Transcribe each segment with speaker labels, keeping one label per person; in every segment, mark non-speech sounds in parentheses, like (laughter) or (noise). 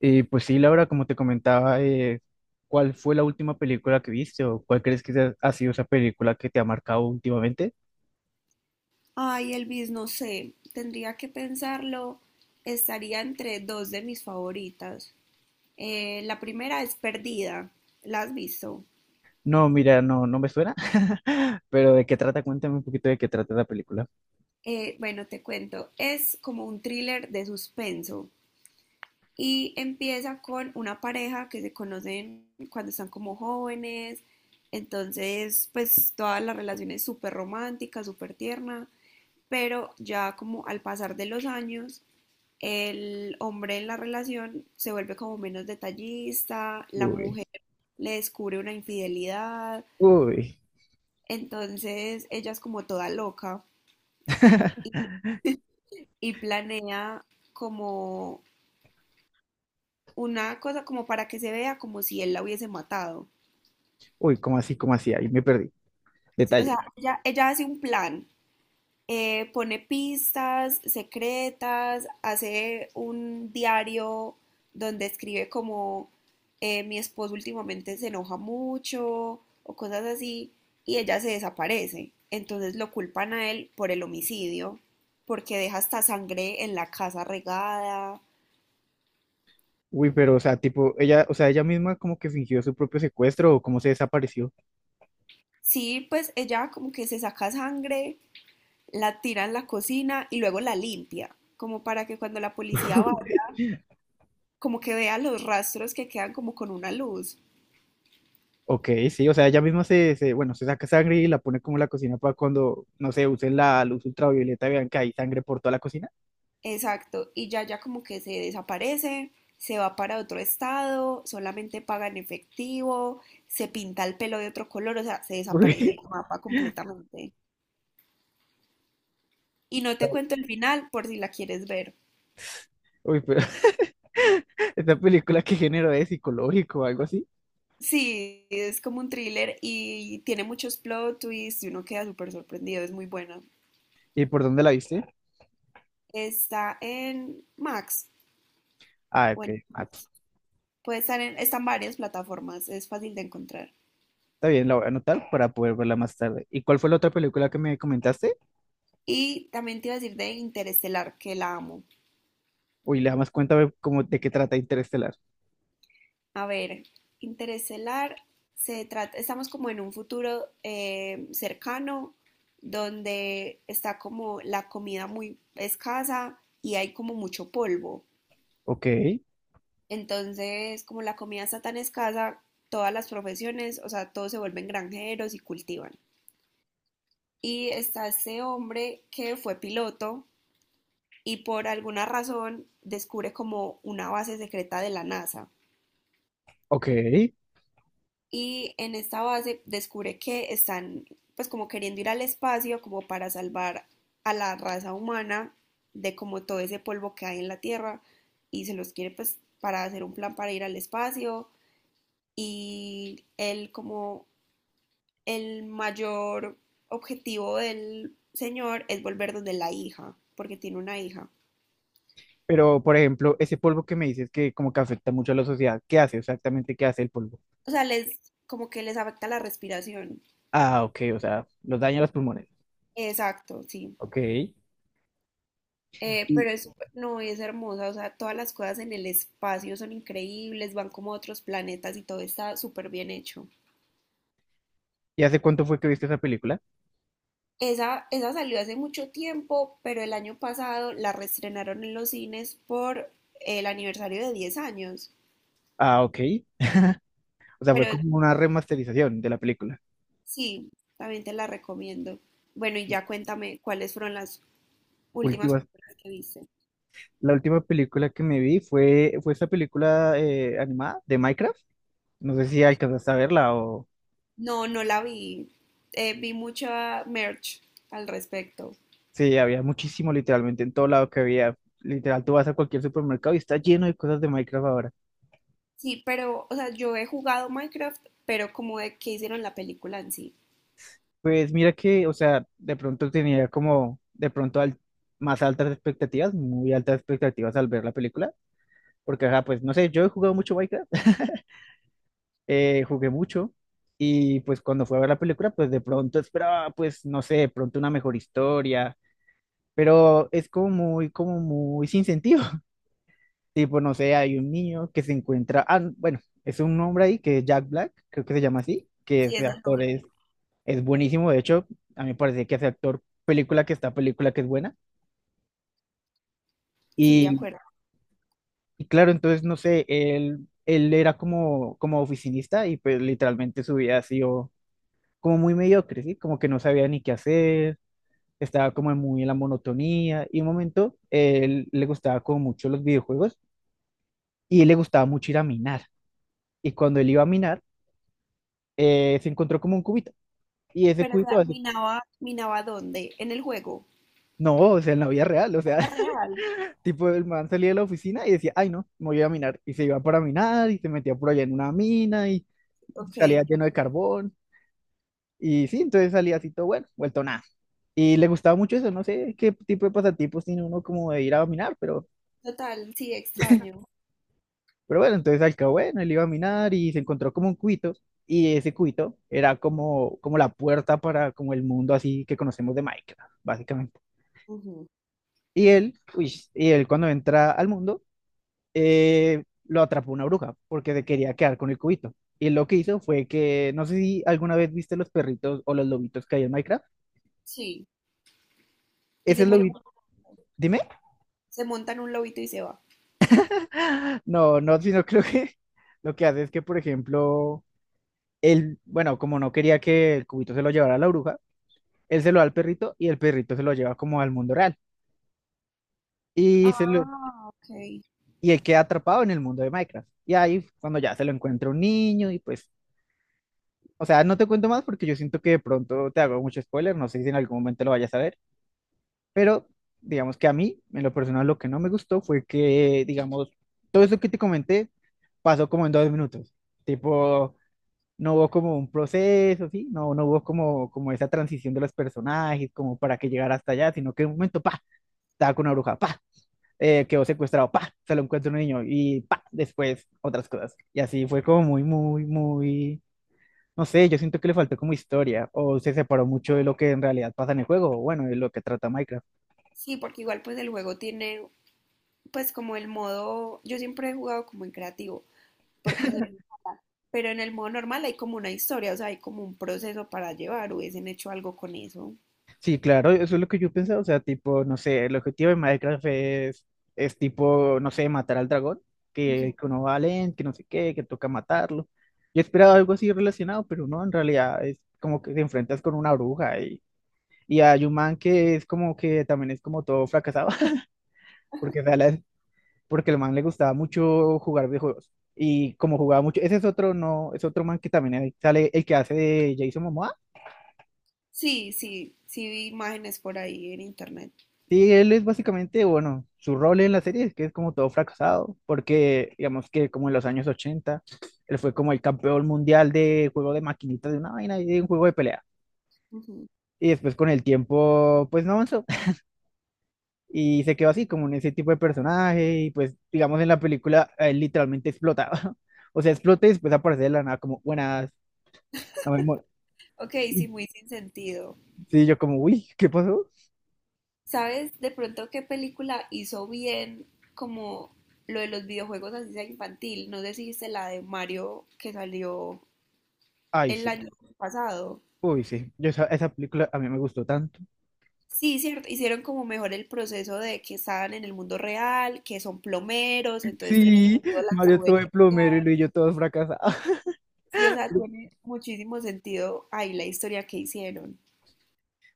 Speaker 1: Y pues sí, Laura, como te comentaba, ¿cuál fue la última película que viste o cuál crees que ha sido esa película que te ha marcado últimamente?
Speaker 2: Ay, Elvis, no sé, tendría que pensarlo. Estaría entre dos de mis favoritas. La primera es Perdida, ¿la has visto?
Speaker 1: No, mira, no, me suena, (laughs) pero ¿de qué trata? Cuéntame un poquito de qué trata la película.
Speaker 2: Bueno, te cuento, es como un thriller de suspenso y empieza con una pareja que se conocen cuando están como jóvenes, entonces pues toda la relación es súper romántica, súper tierna, pero ya como al pasar de los años el hombre en la relación se vuelve como menos detallista, la
Speaker 1: Uy,
Speaker 2: mujer le descubre una infidelidad,
Speaker 1: uy,
Speaker 2: entonces ella es como toda loca y, y planea como una cosa como para que se vea como si él la hubiese matado.
Speaker 1: uy, ¿cómo así, cómo así? Ahí me perdí.
Speaker 2: Sí, o
Speaker 1: Detalle.
Speaker 2: sea, ella hace un plan, pone pistas secretas, hace un diario donde escribe como mi esposo últimamente se enoja mucho o cosas así, y ella se desaparece. Entonces lo culpan a él por el homicidio, porque deja hasta sangre en la casa regada.
Speaker 1: Uy, pero, o sea, tipo, ella, o sea, ella misma como que fingió su propio secuestro o cómo se desapareció.
Speaker 2: Sí, pues ella como que se saca sangre, la tira en la cocina y luego la limpia, como para que cuando la policía
Speaker 1: (laughs)
Speaker 2: vaya, como que vea los rastros que quedan como con una luz.
Speaker 1: Ok, sí, o sea, ella misma bueno, se saca sangre y la pone como en la cocina para cuando, no sé, usen la luz ultravioleta, vean que hay sangre por toda la cocina.
Speaker 2: Exacto, y ya ya como que se desaparece, se va para otro estado, solamente paga en efectivo, se pinta el pelo de otro color, o sea, se desaparece
Speaker 1: Uy,
Speaker 2: el mapa completamente. Y no te cuento el final por si la quieres ver.
Speaker 1: (laughs) uy, pero (laughs) esta película qué género es, psicológico o algo así.
Speaker 2: Sí, es como un thriller y tiene muchos plot twists y uno queda súper sorprendido, es muy buena.
Speaker 1: ¿Y por dónde la viste?
Speaker 2: Está en Max,
Speaker 1: Ah, ok.
Speaker 2: bueno,
Speaker 1: Ah,
Speaker 2: puede estar en, está en varias plataformas, es fácil de encontrar.
Speaker 1: está bien, la voy a anotar para poder verla más tarde. ¿Y cuál fue la otra película que me comentaste?
Speaker 2: Y también te iba a decir de Interestelar, que la amo.
Speaker 1: Uy, la más cuenta a cómo de qué trata Interestelar.
Speaker 2: A ver, Interestelar se trata, estamos como en un futuro, cercano, donde está como la comida muy escasa y hay como mucho polvo.
Speaker 1: Ok,
Speaker 2: Entonces, como la comida está tan escasa, todas las profesiones, o sea, todos se vuelven granjeros y cultivan. Y está ese hombre que fue piloto y por alguna razón descubre como una base secreta de la NASA.
Speaker 1: ok.
Speaker 2: Y en esta base descubre que están pues como queriendo ir al espacio como para salvar a la raza humana de como todo ese polvo que hay en la Tierra y se los quiere pues para hacer un plan para ir al espacio y él como el mayor objetivo del señor es volver donde la hija, porque tiene una hija.
Speaker 1: Pero, por ejemplo, ese polvo que me dices que como que afecta mucho a la sociedad, ¿qué hace exactamente? ¿Qué hace el polvo?
Speaker 2: O sea, les como que les afecta la respiración.
Speaker 1: Ah, ok, o sea, los daña los pulmones.
Speaker 2: Exacto, sí.
Speaker 1: Ok.
Speaker 2: Pero es, no, es hermosa, o sea, todas las cosas en el espacio son increíbles, van como a otros planetas y todo está súper bien hecho.
Speaker 1: Y hace cuánto fue que viste esa película?
Speaker 2: Esa salió hace mucho tiempo, pero el año pasado la reestrenaron en los cines por el aniversario de 10 años.
Speaker 1: Ah, ok. O sea, fue
Speaker 2: Pero
Speaker 1: como una remasterización de la película.
Speaker 2: sí, también te la recomiendo. Bueno, y ya cuéntame cuáles fueron las últimas
Speaker 1: Última.
Speaker 2: películas que viste.
Speaker 1: La última película que me vi fue esa película animada de Minecraft. No sé si alcanzaste a verla o...
Speaker 2: No, no la vi. Vi mucha merch al respecto.
Speaker 1: Sí, había muchísimo, literalmente en todo lado que había. Literal, tú vas a cualquier supermercado y está lleno de cosas de Minecraft ahora.
Speaker 2: Sí, pero, o sea, yo he jugado Minecraft, pero como de que hicieron la película en sí.
Speaker 1: Pues mira que, o sea, de pronto tenía como, de pronto más altas expectativas, muy altas expectativas al ver la película. Porque, ajá, pues no sé, yo he jugado mucho Minecraft, (laughs) jugué mucho. Y pues cuando fui a ver la película, pues de pronto esperaba, pues no sé, de pronto una mejor historia, pero es como muy sin sentido. (laughs) Tipo, no sé, hay un niño que se encuentra, ah, bueno, es un hombre ahí que es Jack Black, creo que se llama así, que
Speaker 2: Sí,
Speaker 1: ese
Speaker 2: eso lo
Speaker 1: actor
Speaker 2: vi.
Speaker 1: es buenísimo, de hecho, a mí me parece que ese actor, película que está, película que es buena,
Speaker 2: Sí, de
Speaker 1: y,
Speaker 2: acuerdo.
Speaker 1: y claro, entonces, no sé, él era como, como oficinista y pues literalmente su vida ha sido como muy mediocre, ¿sí? Como que no sabía ni qué hacer. Estaba como muy en la monotonía y un momento él le gustaba como mucho los videojuegos y él le gustaba mucho ir a minar. Y cuando él iba a minar, se encontró como un cubito. Y ese
Speaker 2: Pero, o
Speaker 1: cubito,
Speaker 2: sea,
Speaker 1: así,
Speaker 2: ¿minaba, minaba dónde? ¿En el juego?
Speaker 1: no, o sea, en la vida real, o
Speaker 2: ¿En
Speaker 1: sea,
Speaker 2: la real?
Speaker 1: (laughs) tipo, el man salía de la oficina y decía, ay, no, me voy a minar. Y se iba para minar y se metía por allá en una mina y
Speaker 2: Ok.
Speaker 1: salía lleno de carbón. Y sí, entonces salía así todo bueno, vuelto nada. Y le gustaba mucho eso, no sé qué tipo de pasatipos tiene uno como de ir a minar, pero
Speaker 2: Total, sí, extraño.
Speaker 1: Pero bueno, entonces al cabo, bueno, él iba a minar y se encontró como un cuito, y ese cuito era como, como la puerta para como el mundo así que conocemos de Minecraft, básicamente.
Speaker 2: Ujú.
Speaker 1: Y él, uy, y él cuando entra al mundo, lo atrapó una bruja, porque se quería quedar con el cubito. Y él lo que hizo fue que, no sé si alguna vez viste los perritos o los lobitos que hay en Minecraft,
Speaker 2: Sí. Y
Speaker 1: ese lobito, dime,
Speaker 2: se monta en un lobito y se va.
Speaker 1: (gasps) (laughs) no, no, sino creo que (laughs) lo que hace es que, por ejemplo, él, bueno, como no quería que el cubito se lo llevara a la bruja, él se lo da al perrito y el perrito se lo lleva como al mundo real. Y,
Speaker 2: Ah, ok.
Speaker 1: y él queda atrapado en el mundo de Minecraft. Y ahí cuando ya se lo encuentra un niño y pues, o sea, no te cuento más porque yo siento que de pronto te hago mucho spoiler, no sé si en algún momento lo vayas a ver, pero digamos que a mí, en lo personal, lo que no me gustó fue que, digamos, eso que te comenté pasó como en 2 minutos. Tipo, no hubo como un proceso, ¿sí? No, no hubo como, como esa transición de los personajes, como para que llegara hasta allá, sino que en un momento, pa, estaba con una bruja, pa. Quedó secuestrado, pa, se lo encuentra un niño y pa, después otras cosas. Y así fue como muy, no sé, yo siento que le faltó como historia o se separó mucho de lo que en realidad pasa en el juego, o bueno, de lo que trata Minecraft.
Speaker 2: Sí, porque igual pues el juego tiene pues como el modo, yo siempre he jugado como en creativo porque soy muy mala. Pero en el modo normal hay como una historia, o sea, hay como un proceso para llevar, hubiesen hecho algo con eso.
Speaker 1: Sí, claro, eso es lo que yo pensaba, o sea, tipo, no sé, el objetivo de Minecraft es tipo, no sé, matar al dragón,
Speaker 2: Ujú.
Speaker 1: que uno va lento, que no sé qué, que toca matarlo. Yo esperaba algo así relacionado, pero no, en realidad es como que te enfrentas con una bruja y... Y hay un man que es como que también es como todo fracasado, porque, o sea, porque el man le gustaba mucho jugar videojuegos. Y como jugaba mucho, ese es otro, no, es otro man que también ahí sale el que hace de Jason Momoa.
Speaker 2: Sí, sí, sí vi imágenes por ahí en internet.
Speaker 1: Sí, él es básicamente, bueno, su rol en la serie es que es como todo fracasado, porque digamos que como en los años 80 él fue como el campeón mundial de juego de maquinitas de una vaina y de un juego de pelea.
Speaker 2: Ujú.
Speaker 1: Y después con el tiempo, pues no avanzó. (laughs) Y se quedó así, como en ese tipo de personaje. Y pues, digamos, en la película, él literalmente explotaba. (laughs) O sea, explota y después aparece de la nada como, buenas, no me mo-.
Speaker 2: Ok, sí, muy sin sentido.
Speaker 1: Sí, yo como, uy, ¿qué pasó?
Speaker 2: ¿Sabes de pronto qué película hizo bien como lo de los videojuegos así sea infantil? No sé si viste la de Mario que salió
Speaker 1: Ay,
Speaker 2: el
Speaker 1: sí.
Speaker 2: año pasado.
Speaker 1: Uy, sí. Yo esa, esa película a mí me gustó tanto.
Speaker 2: Sí, cierto, hicieron como mejor el proceso de que estaban en el mundo real, que son plomeros, entonces tiene
Speaker 1: Sí,
Speaker 2: sentido las
Speaker 1: Mario todo de
Speaker 2: tuberías.
Speaker 1: plomero y Luis y yo todos fracasados.
Speaker 2: Sí, o sea,
Speaker 1: (laughs)
Speaker 2: tiene muchísimo sentido ahí la historia que hicieron.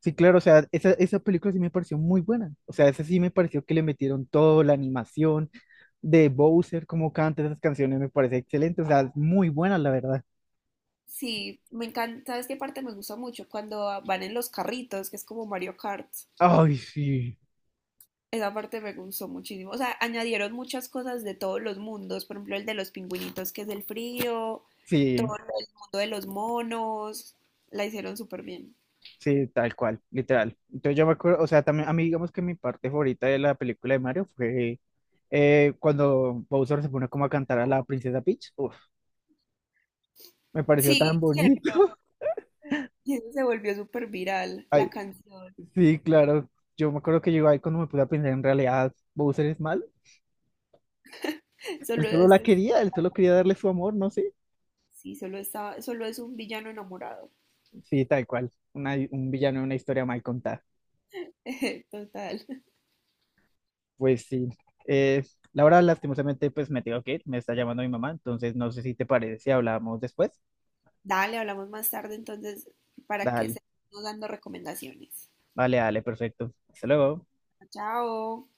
Speaker 1: Sí, claro, o sea, esa película sí me pareció muy buena. O sea, esa sí me pareció que le metieron todo, la animación de Bowser, como canta esas canciones, me parece excelente. O sea, muy buena, la verdad.
Speaker 2: Sí, me encanta, ¿sabes qué parte me gusta mucho? Cuando van en los carritos, que es como Mario Kart.
Speaker 1: Ay, sí.
Speaker 2: Esa parte me gustó muchísimo. O sea, añadieron muchas cosas de todos los mundos, por ejemplo, el de los pingüinitos, que es el frío,
Speaker 1: Sí.
Speaker 2: todo lo del mundo de los monos, la hicieron súper bien.
Speaker 1: Sí, tal cual, literal. Entonces yo me acuerdo, o sea, también a mí digamos que mi parte favorita de la película de Mario fue cuando Bowser se pone como a cantar a la princesa Peach. Uf, me pareció tan
Speaker 2: Sí,
Speaker 1: bonito.
Speaker 2: cierto.
Speaker 1: (laughs)
Speaker 2: Y eso se volvió súper viral,
Speaker 1: Ay,
Speaker 2: la canción.
Speaker 1: sí, claro. Yo me acuerdo que yo ahí cuando me puse a pensar, en realidad Bowser es mal. Él
Speaker 2: Solo
Speaker 1: solo la
Speaker 2: es,
Speaker 1: quería, él solo quería darle su amor, no sé.
Speaker 2: sí, solo está solo es un villano enamorado.
Speaker 1: Sí, tal cual. Una- un villano de una historia mal contada.
Speaker 2: (laughs) Total.
Speaker 1: Pues sí. Eh, Laura, lastimosamente, pues me tengo que ir. Me está llamando mi mamá, entonces no sé si te parece si hablamos después.
Speaker 2: Dale, hablamos más tarde entonces para que
Speaker 1: Dale.
Speaker 2: se dando recomendaciones.
Speaker 1: Vale, dale, perfecto. Hasta luego.
Speaker 2: Chao.